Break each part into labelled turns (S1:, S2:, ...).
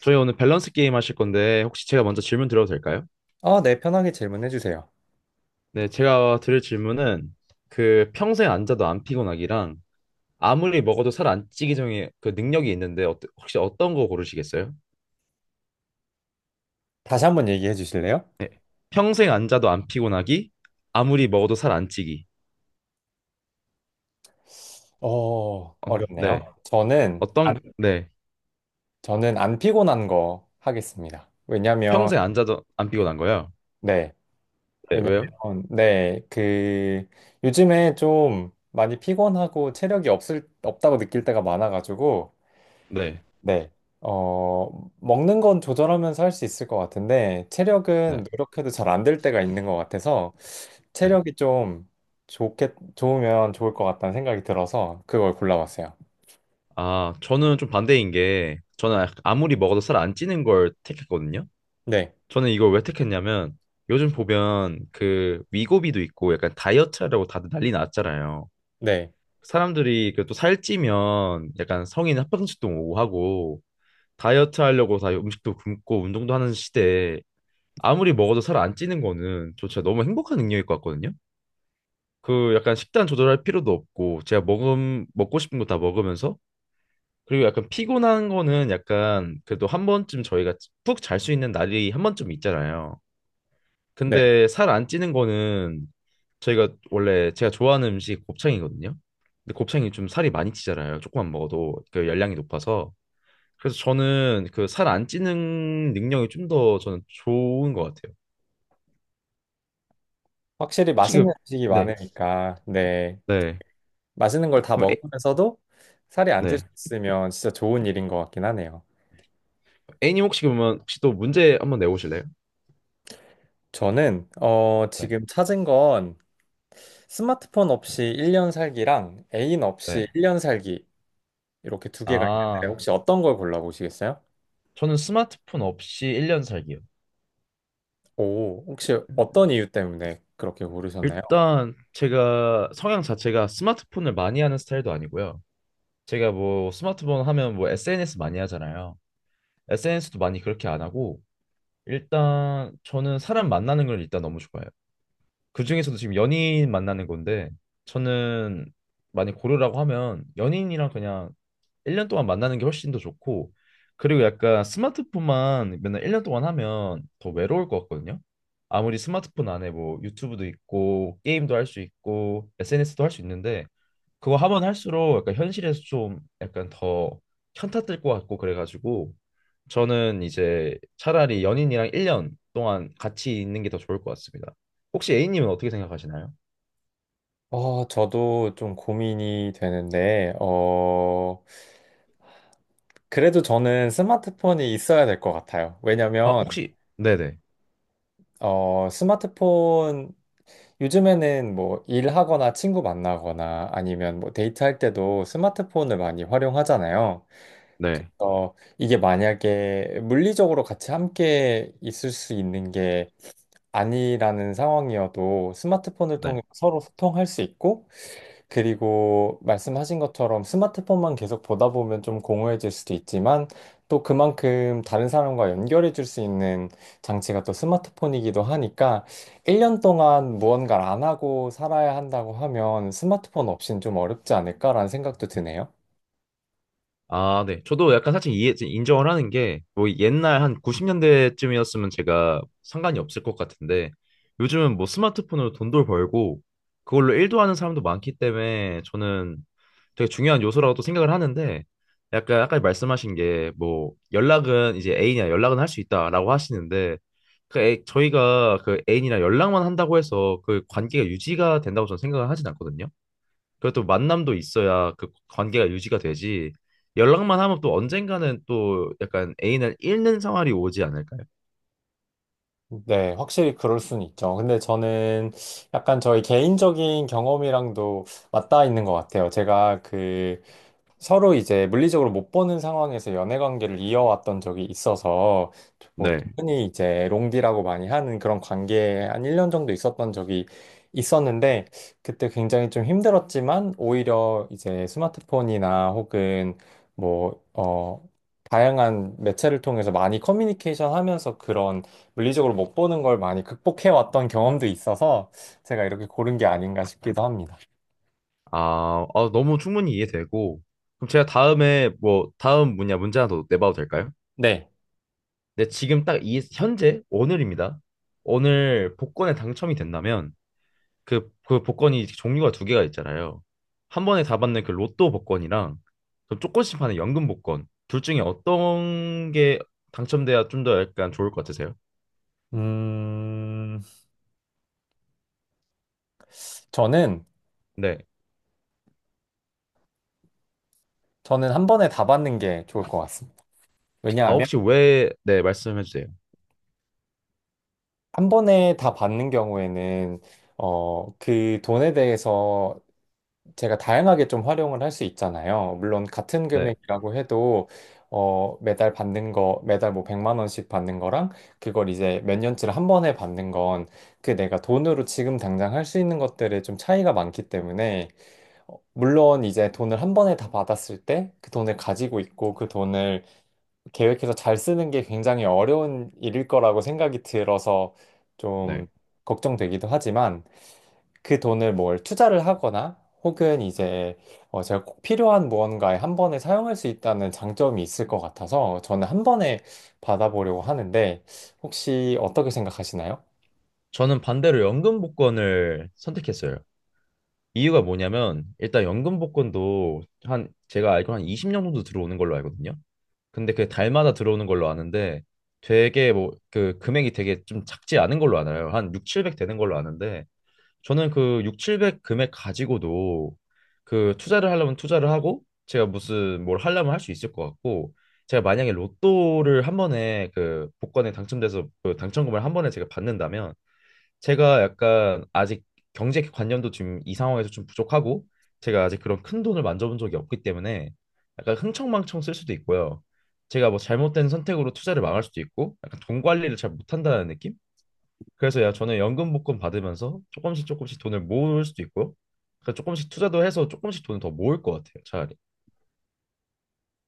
S1: 저희 오늘 밸런스 게임 하실 건데 혹시 제가 먼저 질문 드려도 될까요?
S2: 네, 편하게 질문해 주세요.
S1: 네, 제가 드릴 질문은 그 평생 앉아도 안 피곤하기랑 아무리 먹어도 살 안 찌기 전에 그 능력이 있는데 어 혹시 어떤 거 고르시겠어요?
S2: 다시 한 번 얘기해 주실래요?
S1: 네. 평생 앉아도 안 피곤하기, 아무리 먹어도 살 안 찌기.
S2: 어,
S1: 어,
S2: 어렵네요.
S1: 네.
S2: 저는 안,
S1: 어떤 네.
S2: 저는 안 피곤한 거 하겠습니다. 왜냐면
S1: 평생 앉아도 안 피곤한 거요?
S2: 네.
S1: 네, 왜요?
S2: 왜냐면 네, 그 요즘에 좀 많이 피곤하고 체력이 없을 없다고 느낄 때가 많아 가지고,
S1: 네.
S2: 네. 어, 먹는 건 조절하면서 할 수 있을 것 같은데, 체력은
S1: 네.
S2: 노력해도 잘 안 될 때가 있는 것 같아서,
S1: 네.
S2: 체력이 좀 좋으면 좋을 것 같다는 생각이 들어서, 그걸 골라봤어요.
S1: 아, 저는 좀 반대인 게 저는 아무리 먹어도 살 안 찌는 걸 택했거든요.
S2: 네,
S1: 저는 이걸 왜 택했냐면 요즘 보면 그 위고비도 있고 약간 다이어트 하려고 다들 난리 났잖아요.
S2: 네,
S1: 사람들이 그또 살찌면 약간 성인 합병증도 오고 하고 다이어트 하려고 다 음식도 굶고 운동도 하는 시대에 아무리 먹어도 살 안 찌는 거는 저 진짜 너무 행복한 능력일 것 같거든요. 그 약간 식단 조절할 필요도 없고 제가 먹음 먹고 싶은 거 다 먹으면서 그리고 약간 피곤한 거는 약간 그래도 한 번쯤 저희가 푹 잘 수 있는 날이 한 번쯤 있잖아요.
S2: 네.
S1: 근데 살 안 찌는 거는 저희가 원래 제가 좋아하는 음식 곱창이거든요. 근데 곱창이 좀 살이 많이 찌잖아요. 조금만 먹어도 그 열량이 높아서. 그래서 저는 그 살 안 찌는 능력이 좀 더 저는 좋은 것 같아요.
S2: 확실히
S1: 혹시
S2: 맛있는
S1: 그
S2: 음식이
S1: 네.
S2: 많으니까, 네.
S1: 네,
S2: 맛있는 걸 다
S1: 그럼
S2: 먹으면서도 살이 안 찔
S1: 네,
S2: 수 있으면 진짜 좋은 일인 것 같긴 하네요.
S1: A님 혹시 그러면 혹시 또 문제 한번 내보실래요?
S2: 저는,
S1: 네,
S2: 지금 찾은 건 스마트폰 없이 1년 살기랑 애인 없이
S1: 네.
S2: 1년 살기, 이렇게 두 개가 있는데
S1: 아,
S2: 혹시 어떤 걸 골라보시겠어요?
S1: 저는 스마트폰 없이 1년 살기요.
S2: 오, 혹시 어떤 이유 때문에 그렇게 고르셨나요?
S1: 일단 제가 성향 자체가 스마트폰을 많이 하는 스타일도 아니고요. 제가 뭐 스마트폰 하면 뭐 SNS 많이 하잖아요. SNS도 많이 그렇게 안 하고 일단 저는 사람 만나는 걸 일단 너무 좋아해요. 그중에서도 지금 연인 만나는 건데 저는 많이 고르라고 하면 연인이랑 그냥 1년 동안 만나는 게 훨씬 더 좋고 그리고 약간 스마트폰만 맨날 1년 동안 하면 더 외로울 것 같거든요. 아무리 스마트폰 안에 뭐 유튜브도 있고 게임도 할 수 있고 SNS도 할 수 있는데 그거 하면 할수록 약간 현실에서 좀 약간 더 현타 뜰 것 같고 그래가지고 저는 이제 차라리 연인이랑 1년 동안 같이 있는 게 더 좋을 것 같습니다. 혹시 A님은 어떻게 생각하시나요?
S2: 저도 좀 고민이 되는데, 그래도 저는 스마트폰이 있어야 될 것 같아요.
S1: 아,
S2: 왜냐면,
S1: 혹시 네네.
S2: 어, 스마트폰, 요즘에는 뭐 일하거나 친구 만나거나 아니면 뭐 데이트할 때도 스마트폰을 많이 활용하잖아요.
S1: 네.
S2: 이게 만약에 물리적으로 같이 함께 있을 수 있는 게 아니라는 상황이어도 스마트폰을
S1: 네.
S2: 통해 서로 소통할 수 있고, 그리고 말씀하신 것처럼 스마트폰만 계속 보다 보면 좀 공허해질 수도 있지만, 또 그만큼 다른 사람과 연결해 줄 수 있는 장치가 또 스마트폰이기도 하니까, 1년 동안 무언가를 안 하고 살아야 한다고 하면 스마트폰 없이는 좀 어렵지 않을까라는 생각도 드네요.
S1: 아, 네. 저도 약간 사실 이해, 인정을 하는 게, 뭐 옛날 한 90년대쯤이었으면 제가 상관이 없을 것 같은데, 요즘은 뭐 스마트폰으로 돈도 벌고, 그걸로 일도 하는 사람도 많기 때문에, 저는 되게 중요한 요소라고 또 생각을 하는데, 약간 아까 말씀하신 게, 뭐, 연락은 이제 애인이랑 연락은 할 수 있다라고 하시는데, 그 애, 저희가 그 애인이랑 연락만 한다고 해서 그 관계가 유지가 된다고 저는 생각을 하진 않거든요. 그래도 만남도 있어야 그 관계가 유지가 되지. 연락만 하면 또 언젠가는 또 약간 애인을 잃는 생활이 오지 않을까요?
S2: 네, 확실히 그럴 수는 있죠. 근데 저는 약간 저희 개인적인 경험이랑도 맞닿아 있는 것 같아요. 제가 그 서로 이제 물리적으로 못 보는 상황에서 연애 관계를 이어왔던 적이 있어서, 뭐
S1: 네.
S2: 흔히 이제 롱디라고 많이 하는 그런 관계에 한 1년 정도 있었던 적이 있었는데, 그때 굉장히 좀 힘들었지만 오히려 이제 스마트폰이나 혹은 뭐 다양한 매체를 통해서 많이 커뮤니케이션 하면서 그런 물리적으로 못 보는 걸 많이 극복해 왔던 경험도 있어서 제가 이렇게 고른 게 아닌가 싶기도 합니다.
S1: 아, 아, 너무 충분히 이해되고. 그럼 제가 다음에 뭐 다음 뭐냐 문제 하나 더 내봐도 될까요?
S2: 네.
S1: 네, 지금 딱 이 현재 오늘입니다. 오늘 복권에 당첨이 된다면 그, 그 복권이 종류가 두 개가 있잖아요. 한 번에 다 받는 그 로또 복권이랑 좀 조금씩 파는 연금 복권. 둘 중에 어떤 게 당첨돼야 좀 더 약간 좋을 것 같으세요?
S2: 음, 저는
S1: 네.
S2: 저는 한 번에 다 받는 게 좋을 것 같습니다.
S1: 아,
S2: 왜냐하면
S1: 혹시 왜, 네, 말씀해 주세요.
S2: 한 번에 다 받는 경우에는, 그 돈에 대해서 제가 다양하게 좀 활용을 할 수 있잖아요. 물론 같은
S1: 네,
S2: 금액이라고 해도, 매달 받는 거, 매달 뭐 100만 원씩 받는 거랑 그걸 이제 몇 년치를 한 번에 받는 건 그 내가 돈으로 지금 당장 할 수 있는 것들에 좀 차이가 많기 때문에, 물론 이제 돈을 한 번에 다 받았을 때 그 돈을 가지고 있고 그 돈을 계획해서 잘 쓰는 게 굉장히 어려운 일일 거라고 생각이 들어서
S1: 네.
S2: 좀 걱정되기도 하지만, 그 돈을 뭘 투자를 하거나 혹은 이제 제가 꼭 필요한 무언가에 한 번에 사용할 수 있다는 장점이 있을 것 같아서 저는 한 번에 받아보려고 하는데, 혹시 어떻게 생각하시나요?
S1: 저는 반대로 연금 복권을 선택했어요. 이유가 뭐냐면, 일단 연금 복권도 한, 제가 알기로 한 20년 정도 들어오는 걸로 알거든요. 근데 그게 달마다 들어오는 걸로 아는데 되게 뭐 그 금액이 되게 좀 작지 않은 걸로 알아요. 한 6, 700 되는 걸로 아는데 저는 그 6, 700 금액 가지고도 그 투자를 하려면 투자를 하고 제가 무슨 뭘 하려면 할 수 있을 것 같고 제가 만약에 로또를 한 번에 그 복권에 당첨돼서 그 당첨금을 한 번에 제가 받는다면 제가 약간 아직 경제 관념도 지금 이 상황에서 좀 부족하고 제가 아직 그런 큰 돈을 만져본 적이 없기 때문에 약간 흥청망청 쓸 수도 있고요. 제가 뭐 잘못된 선택으로 투자를 망할 수도 있고 약간 돈 관리를 잘 못한다는 느낌? 그래서 야 저는 연금 복권 받으면서 조금씩 조금씩 돈을 모을 수도 있고요. 그러니까 조금씩 투자도 해서 조금씩 돈을 더 모을 것 같아요, 차라리.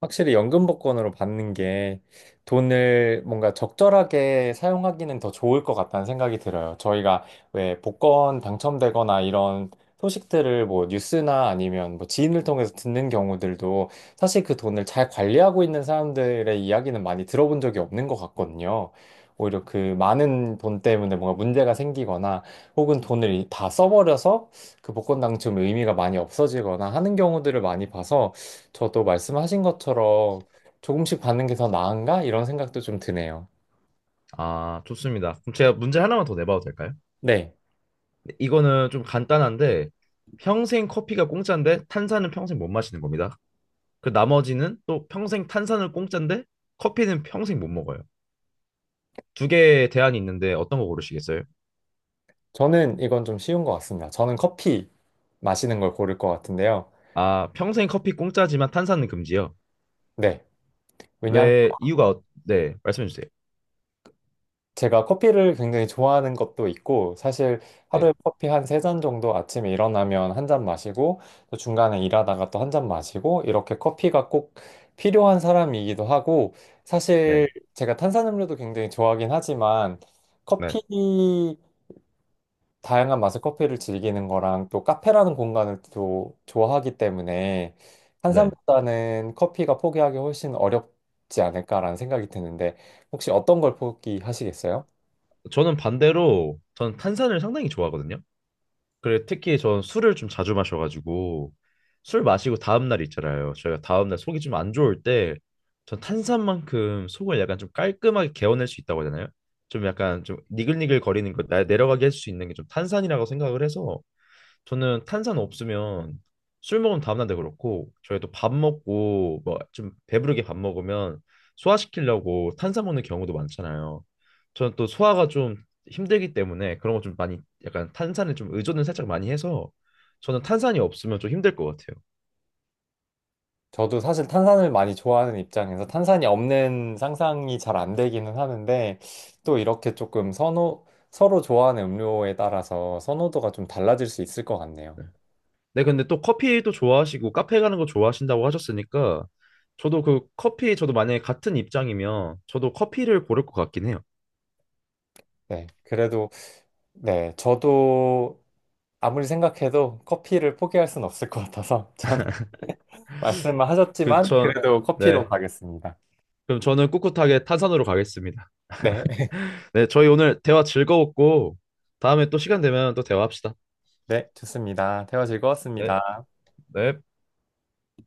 S2: 확실히 연금복권으로 받는 게 돈을 뭔가 적절하게 사용하기는 더 좋을 것 같다는 생각이 들어요. 저희가 왜 복권 당첨되거나 이런 소식들을 뭐 뉴스나 아니면 뭐 지인을 통해서 듣는 경우들도, 사실 그 돈을 잘 관리하고 있는 사람들의 이야기는 많이 들어본 적이 없는 것 같거든요. 오히려 그 많은 돈 때문에 뭔가 문제가 생기거나 혹은 돈을 다 써버려서 그 복권 당첨 의미가 많이 없어지거나 하는 경우들을 많이 봐서, 저도 말씀하신 것처럼 조금씩 받는 게 더 나은가? 이런 생각도 좀 드네요.
S1: 아, 좋습니다. 그럼 제가 문제 하나만 더 내봐도 될까요?
S2: 네.
S1: 이거는 좀 간단한데 평생 커피가 공짜인데 탄산은 평생 못 마시는 겁니다. 그 나머지는 또 평생 탄산을 공짜인데 커피는 평생 못 먹어요. 두 개의 대안이 있는데 어떤 거 고르시겠어요?
S2: 저는 이건 좀 쉬운 것 같습니다. 저는 커피 마시는 걸 고를 것 같은데요.
S1: 아, 평생 커피 공짜지만 탄산은 금지요.
S2: 네. 왜냐하면
S1: 왜 이유가 네, 말씀해 주세요.
S2: 제가 커피를 굉장히 좋아하는 것도 있고, 사실
S1: 네.
S2: 하루에 커피 한 세 잔 정도, 아침에 일어나면 한 잔 마시고, 또 중간에 일하다가 또 한 잔 마시고, 이렇게 커피가 꼭 필요한 사람이기도 하고, 사실
S1: 네.
S2: 제가 탄산음료도 굉장히 좋아하긴 하지만,
S1: 네.
S2: 커피 다양한 맛의 커피를 즐기는 거랑 또 카페라는 공간을 또 좋아하기 때문에 한
S1: 네.
S2: 산보다는 커피가 포기하기 훨씬 어렵지 않을까라는 생각이 드는데, 혹시 어떤 걸 포기하시겠어요?
S1: 저는 반대로 저는 탄산을 상당히 좋아하거든요. 그래 특히 전 술을 좀 자주 마셔가지고 술 마시고 다음 날 있잖아요. 저희가 다음 날 속이 좀 안 좋을 때 전 탄산만큼 속을 약간 좀 깔끔하게 개어낼 수 있다고 하잖아요. 좀 약간 좀 니글니글 거리는 거 내려가게 할 수 있는 게 좀 탄산이라고 생각을 해서 저는 탄산 없으면 술 먹으면 다음날도 그렇고 저희도 밥 먹고 뭐 좀 배부르게 밥 먹으면 소화시키려고 탄산 먹는 경우도 많잖아요. 저는 또 소화가 좀 힘들기 때문에 그런 거 좀 많이 약간 탄산에 좀 의존을 살짝 많이 해서 저는 탄산이 없으면 좀 힘들 것 같아요.
S2: 저도 사실 탄산을 많이 좋아하는 입장에서 탄산이 없는 상상이 잘 안 되기는 하는데, 또 이렇게 조금 서로 좋아하는 음료에 따라서 선호도가 좀 달라질 수 있을 것 같네요.
S1: 네, 네, 근데 또 커피도 좋아하시고 카페 가는 거 좋아하신다고 하셨으니까 저도 그 커피 저도 만약에 같은 입장이면 저도 커피를 고를 것 같긴 해요.
S2: 네, 그래도 네, 저도 아무리 생각해도 커피를 포기할 순 없을 것 같아서 저는 말씀을 하셨지만, 네.
S1: 그전
S2: 그래도 커피로
S1: 네.
S2: 가겠습니다.
S1: 그럼 저는 꿋꿋하게 탄산으로 가겠습니다.
S2: 네,
S1: 네, 저희 오늘 대화 즐거웠고 다음에 또 시간 되면 또 대화합시다.
S2: 네, 좋습니다. 대화
S1: 네,
S2: 즐거웠습니다.
S1: 네.